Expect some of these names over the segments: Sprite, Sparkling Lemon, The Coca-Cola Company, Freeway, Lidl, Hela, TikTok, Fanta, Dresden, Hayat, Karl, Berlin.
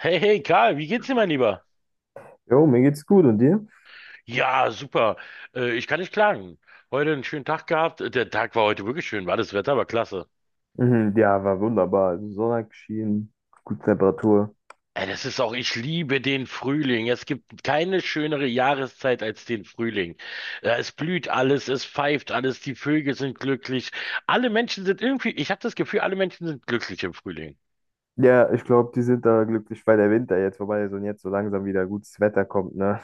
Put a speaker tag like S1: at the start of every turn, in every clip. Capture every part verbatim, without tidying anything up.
S1: Hey, hey, Karl, wie geht's dir, mein Lieber?
S2: Jo, mir geht's gut und dir?
S1: Ja, super. Äh, ich kann nicht klagen. Heute einen schönen Tag gehabt. Der Tag war heute wirklich schön, war das Wetter war klasse.
S2: Mhm, ja, war wunderbar. Also Sonne hat geschienen, gute Temperatur.
S1: Ey, das ist auch, ich liebe den Frühling. Es gibt keine schönere Jahreszeit als den Frühling. Ja, es blüht alles, es pfeift alles, die Vögel sind glücklich. Alle Menschen sind irgendwie, ich habe das Gefühl, alle Menschen sind glücklich im Frühling.
S2: Ja, ich glaube, die sind da glücklich, weil der Winter jetzt vorbei ist und jetzt so langsam wieder gutes Wetter kommt, ne?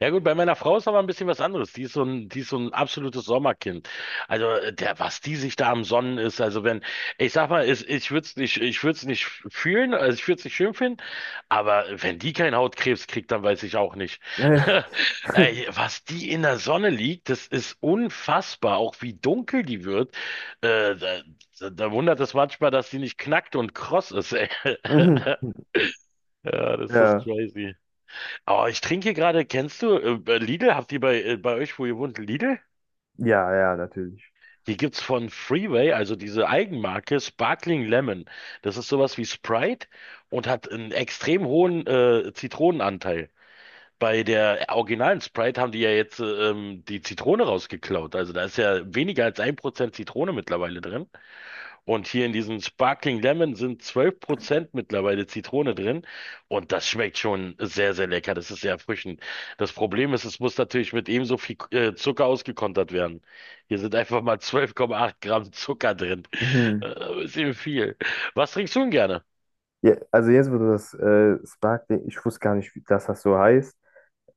S1: Ja gut, bei meiner Frau ist aber ein bisschen was anderes. Die ist so ein, die ist so ein absolutes Sommerkind. Also äh, der, was die sich da am Sonnen ist, also wenn, ich sag mal, ich, ich würde es nicht, ich würde es nicht fühlen, also ich würde es nicht schön finden, aber wenn die keinen Hautkrebs kriegt, dann weiß ich auch nicht. Ey, was die in der Sonne liegt, das ist unfassbar, auch wie dunkel die wird. Äh, da, da da wundert es manchmal, dass die nicht knackt und kross ist. Ey.
S2: Mhm.
S1: Ja, das ist
S2: Ja,
S1: crazy. Oh, ich trinke gerade, kennst du äh, Lidl? Habt ihr bei, äh, bei euch, wo ihr wohnt, Lidl?
S2: ja, ja, natürlich.
S1: Hier gibt's von Freeway, also diese Eigenmarke, Sparkling Lemon. Das ist sowas wie Sprite und hat einen extrem hohen äh, Zitronenanteil. Bei der originalen Sprite haben die ja jetzt äh, ähm, die Zitrone rausgeklaut. Also da ist ja weniger als ein Prozent Zitrone mittlerweile drin. Und hier in diesem Sparkling Lemon sind zwölf Prozent mittlerweile Zitrone drin. Und das schmeckt schon sehr, sehr lecker. Das ist sehr erfrischend. Das Problem ist, es muss natürlich mit ebenso viel äh, Zucker ausgekontert werden. Hier sind einfach mal zwölf Komma acht Gramm Zucker drin.
S2: Mhm.
S1: Äh, ist eben viel. Was trinkst du denn gerne?
S2: Ja, also jetzt, wo du das äh, Sparkling, ich wusste gar nicht, wie- dass das so heißt,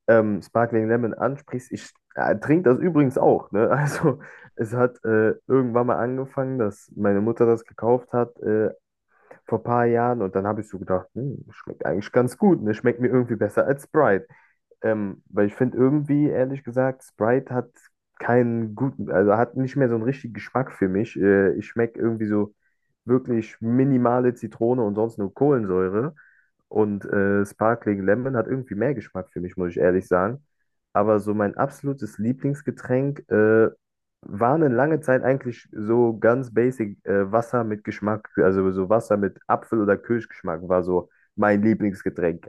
S2: ähm, Sparkling Lemon ansprichst, ich äh, trinke das übrigens auch, ne? Also es hat äh, irgendwann mal angefangen, dass meine Mutter das gekauft hat, äh, vor ein paar Jahren und dann habe ich so gedacht, hm, schmeckt eigentlich ganz gut, ne? Schmeckt mir irgendwie besser als Sprite. Ähm, weil ich finde irgendwie, ehrlich gesagt, Sprite hat keinen guten, also hat nicht mehr so einen richtigen Geschmack für mich. Äh, ich schmecke irgendwie so wirklich minimale Zitrone und sonst nur Kohlensäure. Und äh, Sparkling Lemon hat irgendwie mehr Geschmack für mich, muss ich ehrlich sagen. Aber so mein absolutes Lieblingsgetränk äh, war eine lange Zeit eigentlich so ganz basic äh, Wasser mit Geschmack. Also so Wasser mit Apfel- oder Kirschgeschmack war so mein Lieblingsgetränk.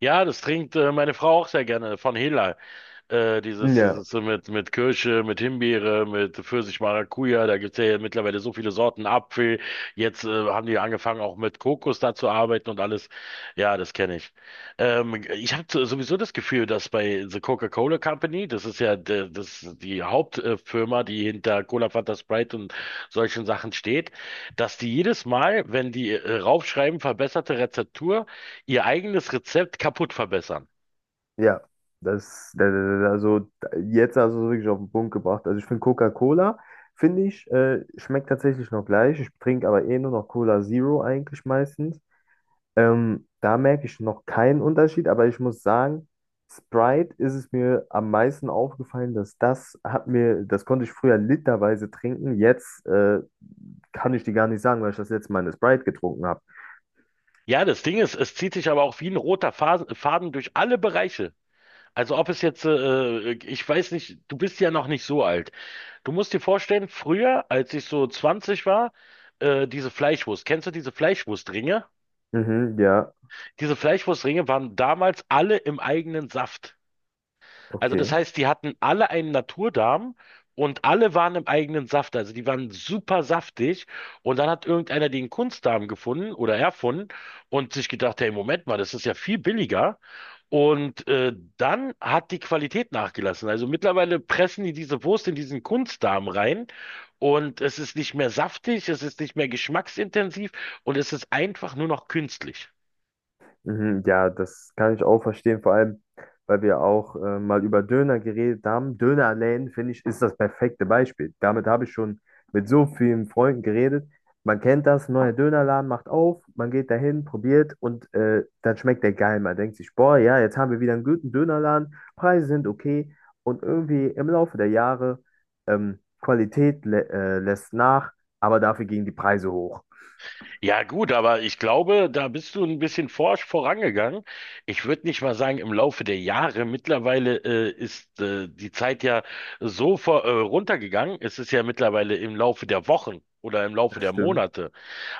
S1: Ja, das trinkt äh, meine Frau auch sehr gerne von Hela. Äh, dieses,
S2: Ja,
S1: dieses so mit, mit Kirsche, mit Himbeere, mit Pfirsich, Maracuja, da gibt's ja mittlerweile so viele Sorten Apfel. Jetzt äh, haben die angefangen, auch mit Kokos da zu arbeiten und alles. Ja, das kenne ich. Ähm, ich habe sowieso das Gefühl, dass bei The Coca-Cola Company das ist ja de, das, die Hauptfirma, die hinter Cola, Fanta, Sprite und solchen Sachen steht, dass die jedes Mal, wenn die äh, raufschreiben, verbesserte Rezeptur, ihr eigenes Rezept kaputt verbessern.
S2: ja. Das, da- da- da- also jetzt hast du es wirklich auf den Punkt gebracht. Also ich finde Coca-Cola, finde ich, äh, schmeckt tatsächlich noch gleich. Ich trinke aber eh nur noch Cola Zero eigentlich meistens. Ähm, da merke ich noch keinen Unterschied, aber ich muss sagen, Sprite ist es mir am meisten aufgefallen, dass das hat mir, das konnte ich früher literweise trinken. Jetzt äh, kann ich die gar nicht sagen, weil ich das letzte Mal eine Sprite getrunken habe.
S1: Ja, das Ding ist, es zieht sich aber auch wie ein roter Fas- Faden durch alle Bereiche. Also ob es jetzt, äh, äh, ich weiß nicht, du bist ja noch nicht so alt. Du musst dir vorstellen, früher, als ich so zwanzig war, äh, diese Fleischwurst, kennst du diese Fleischwurstringe?
S2: Mhm, ja,
S1: Diese Fleischwurstringe waren damals alle im eigenen Saft. Also das
S2: okay.
S1: heißt, die hatten alle einen Naturdarm und alle waren im eigenen Saft. Also die waren super saftig. Und dann hat irgendeiner den Kunstdarm gefunden oder erfunden und sich gedacht, hey, Moment mal, das ist ja viel billiger. Und äh, dann hat die Qualität nachgelassen. Also mittlerweile pressen die diese Wurst in diesen Kunstdarm rein und es ist nicht mehr saftig, es ist nicht mehr geschmacksintensiv und es ist einfach nur noch künstlich.
S2: Mhm, ja, das kann ich auch verstehen, vor allem, weil wir auch äh, mal über Döner geredet haben. Dönerläden, finde ich, ist das perfekte Beispiel. Damit habe ich schon mit so vielen Freunden geredet. Man kennt das, neuer Dönerladen macht auf, man geht dahin, probiert und äh, dann schmeckt der geil. Man denkt sich, boah, ja, jetzt haben wir wieder einen guten Dönerladen, Preise sind okay und irgendwie im Laufe der Jahre ähm, Qualität lä äh, lässt nach, aber dafür gingen die Preise hoch.
S1: Ja, gut, aber ich glaube, da bist du ein bisschen forsch vorangegangen. Ich würde nicht mal sagen, im Laufe der Jahre mittlerweile äh, ist äh, die Zeit ja so vor, äh, runtergegangen. Es ist ja mittlerweile im Laufe der Wochen oder im Laufe
S2: Das
S1: der
S2: stimmt.
S1: Monate.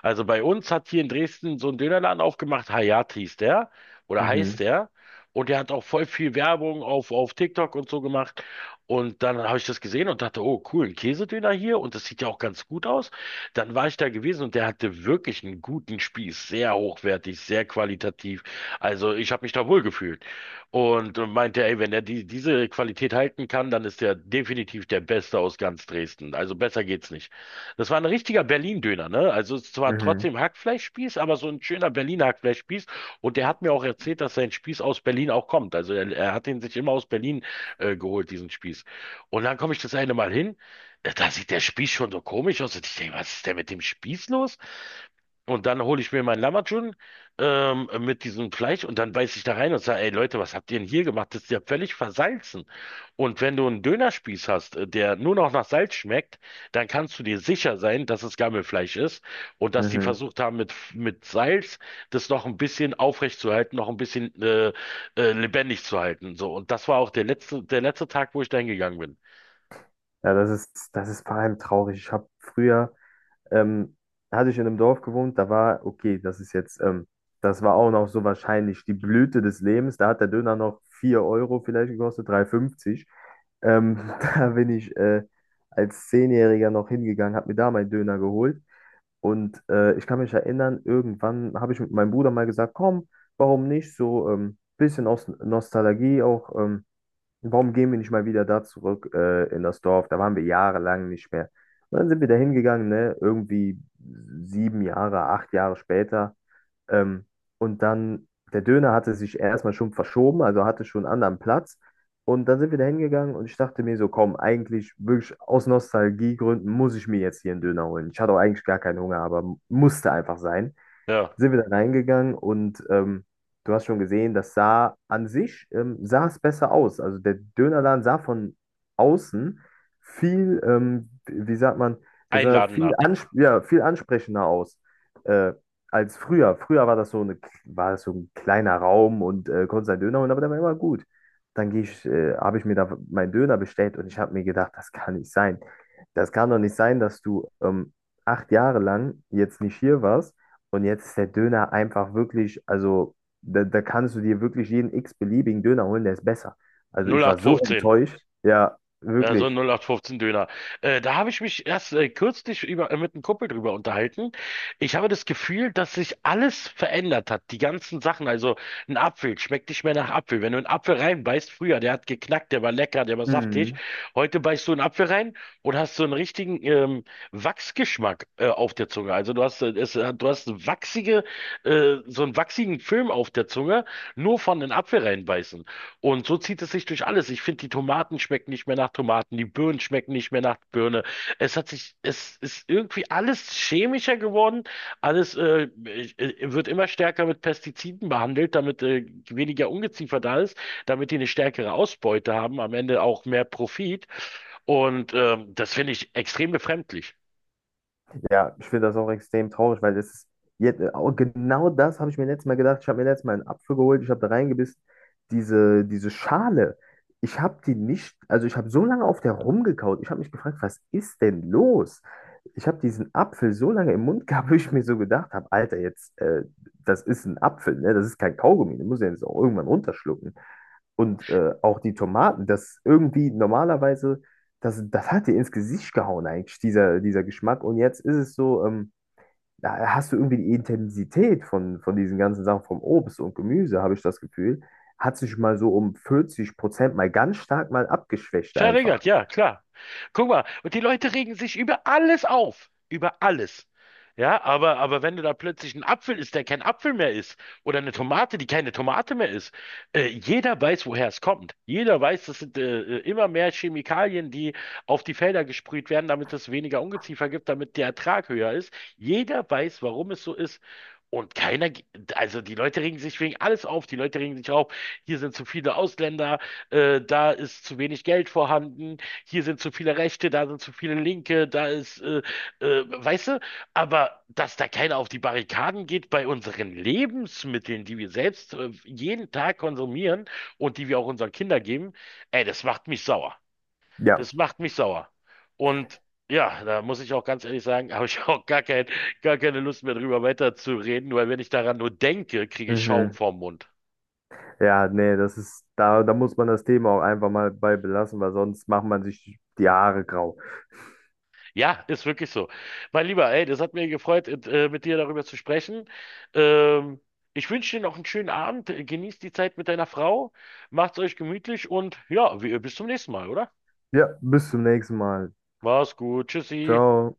S1: Also bei uns hat hier in Dresden so ein Dönerladen aufgemacht, Hayat hieß der oder heißt
S2: Mhm,
S1: der. Und der hat auch voll viel Werbung auf, auf TikTok und so gemacht. Und dann habe ich das gesehen und dachte, oh cool, ein Käsedöner hier und das sieht ja auch ganz gut aus. Dann war ich da gewesen und der hatte wirklich einen guten Spieß, sehr hochwertig, sehr qualitativ. Also ich habe mich da wohl gefühlt und äh, meinte, ey, wenn er die, diese Qualität halten kann, dann ist er definitiv der Beste aus ganz Dresden. Also besser geht's nicht. Das war ein richtiger Berlin-Döner, ne? Also es ist zwar
S2: mhm,
S1: trotzdem Hackfleischspieß, aber so ein schöner Berliner Hackfleischspieß. Und der hat mir auch erzählt, dass sein Spieß aus Berlin auch kommt. Also er, er hat ihn sich immer aus Berlin äh, geholt, diesen Spieß. Und dann komme ich das eine Mal hin. Ja, da sieht der Spieß schon so komisch aus. Und ich denke, was ist denn mit dem Spieß los? Und dann hole ich mir meinen Lammatschun ähm, mit diesem Fleisch und dann beiß ich da rein und sage, ey Leute, was habt ihr denn hier gemacht? Das ist ja völlig versalzen. Und wenn du einen Dönerspieß hast, äh, der nur noch nach Salz schmeckt, dann kannst du dir sicher sein, dass es Gammelfleisch ist und dass die
S2: mhm.
S1: versucht haben, mit, mit Salz das noch ein bisschen aufrecht zu halten, noch ein bisschen äh, äh, lebendig zu halten. So. Und das war auch der letzte, der letzte Tag, wo ich da hingegangen bin.
S2: Ja, das ist, das ist vor allem traurig. Ich habe früher, ähm, hatte ich in einem Dorf gewohnt, da war, okay, das ist jetzt, ähm, das war auch noch so wahrscheinlich die Blüte des Lebens. Da hat der Döner noch vier Euro vielleicht gekostet, drei Euro fünfzig. Ähm, da bin ich äh, als Zehnjähriger noch hingegangen, habe mir da meinen Döner geholt. Und äh, ich kann mich erinnern, irgendwann habe ich mit meinem Bruder mal gesagt, komm, warum nicht so ein ähm, bisschen aus Nostalgie auch. Ähm, Warum gehen wir nicht mal wieder da zurück äh, in das Dorf? Da waren wir jahrelang nicht mehr. Und dann sind wir da hingegangen, ne? Irgendwie sieben Jahre, acht Jahre später. Ähm, und dann, der Döner hatte sich erstmal schon verschoben, also hatte schon einen anderen Platz. Und dann sind wir da hingegangen und ich dachte mir so, komm, eigentlich wirklich aus Nostalgiegründen muss ich mir jetzt hier einen Döner holen. Ich hatte auch eigentlich gar keinen Hunger, aber musste einfach sein,
S1: Ja,
S2: sind wir da reingegangen und ähm, du hast schon gesehen, das sah an sich, ähm, sah es besser aus. Also der Dönerladen sah von außen viel, ähm, wie sagt man, der sah viel,
S1: einladender.
S2: ansp ja, viel ansprechender aus äh, als früher. Früher war das so eine, war das so ein kleiner Raum und äh, konntest einen Döner holen, aber der war immer gut. Dann gehe ich, äh, habe ich mir da meinen Döner bestellt und ich habe mir gedacht, das kann nicht sein. Das kann doch nicht sein, dass du ähm, acht Jahre lang jetzt nicht hier warst und jetzt ist der Döner einfach wirklich, also da, da kannst du dir wirklich jeden x-beliebigen Döner holen, der ist besser. Also ich war so
S1: null acht fünfzehn.
S2: enttäuscht. Ja,
S1: Ja, so ein
S2: wirklich.
S1: null acht fünfzehn-Döner. Äh, da habe ich mich erst äh, kürzlich über, äh, mit einem Kumpel drüber unterhalten. Ich habe das Gefühl, dass sich alles verändert hat. Die ganzen Sachen. Also ein Apfel schmeckt nicht mehr nach Apfel. Wenn du einen Apfel reinbeißt, früher, der hat geknackt, der war lecker, der war saftig. Heute beißt du einen Apfel rein und hast so einen richtigen ähm, Wachsgeschmack äh, auf der Zunge. Also du hast, äh, es, äh, du hast eine wachsige, äh, so einen wachsigen Film auf der Zunge, nur von den Apfel reinbeißen. Und so zieht es sich durch alles. Ich finde, die Tomaten schmecken nicht mehr nach Tomaten, die Birnen schmecken nicht mehr nach Birne. Es hat sich, es ist irgendwie alles chemischer geworden. Alles äh, äh, wird immer stärker mit Pestiziden behandelt, damit äh, weniger Ungeziefer da ist, damit die eine stärkere Ausbeute haben, am Ende auch mehr Profit. Und ähm, das finde ich extrem befremdlich.
S2: Ja, ich finde das auch extrem traurig, weil das ist jetzt, auch genau das habe ich mir letztes Mal gedacht. Ich habe mir letztes Mal einen Apfel geholt, ich habe da reingebissen. Diese, diese Schale, ich habe die nicht, also ich habe so lange auf der rumgekaut. Ich habe mich gefragt, was ist denn los? Ich habe diesen Apfel so lange im Mund gehabt, wo ich mir so gedacht habe, Alter, jetzt, äh, das ist ein Apfel, ne? Das ist kein Kaugummi, du musst den jetzt auch irgendwann runterschlucken. Und äh, auch die Tomaten, das irgendwie normalerweise, das, das hat dir ins Gesicht gehauen eigentlich, dieser, dieser Geschmack. Und jetzt ist es so, ähm, da hast du irgendwie die Intensität von, von diesen ganzen Sachen, vom Obst und Gemüse, habe ich das Gefühl, hat sich mal so um vierzig Prozent mal ganz stark mal abgeschwächt einfach.
S1: Verärgert, ja, klar. Guck mal, und die Leute regen sich über alles auf. Über alles. Ja, aber, aber wenn du da plötzlich einen Apfel isst, der kein Apfel mehr ist, oder eine Tomate, die keine Tomate mehr ist, äh, jeder weiß, woher es kommt. Jeder weiß, das sind äh, äh, immer mehr Chemikalien, die auf die Felder gesprüht werden, damit es weniger Ungeziefer gibt, damit der Ertrag höher ist. Jeder weiß, warum es so ist. Und keiner, ge- also die Leute regen sich wegen alles auf, die Leute regen sich auf, hier sind zu viele Ausländer, äh, da ist zu wenig Geld vorhanden, hier sind zu viele Rechte, da sind zu viele Linke, da ist, äh, äh, weißt du, aber dass da keiner auf die Barrikaden geht bei unseren Lebensmitteln, die wir selbst äh, jeden Tag konsumieren und die wir auch unseren Kindern geben, ey, das macht mich sauer.
S2: Ja.
S1: Das macht mich sauer. Und ja, da muss ich auch ganz ehrlich sagen, habe ich auch gar kein, gar keine Lust mehr drüber weiterzureden, weil wenn ich daran nur denke, kriege ich Schaum
S2: Mhm.
S1: vorm Mund.
S2: Ja, nee, das ist, da, da muss man das Thema auch einfach mal bei belassen, weil sonst macht man sich die Haare grau.
S1: Ja, ist wirklich so. Mein Lieber, ey, das hat mir gefreut, äh, mit dir darüber zu sprechen. Ähm, Ich wünsche dir noch einen schönen Abend. Genießt die Zeit mit deiner Frau. Macht's euch gemütlich und ja, wir, bis zum nächsten Mal, oder?
S2: Ja, bis zum nächsten Mal.
S1: Mach's gut. Tschüssi.
S2: Ciao.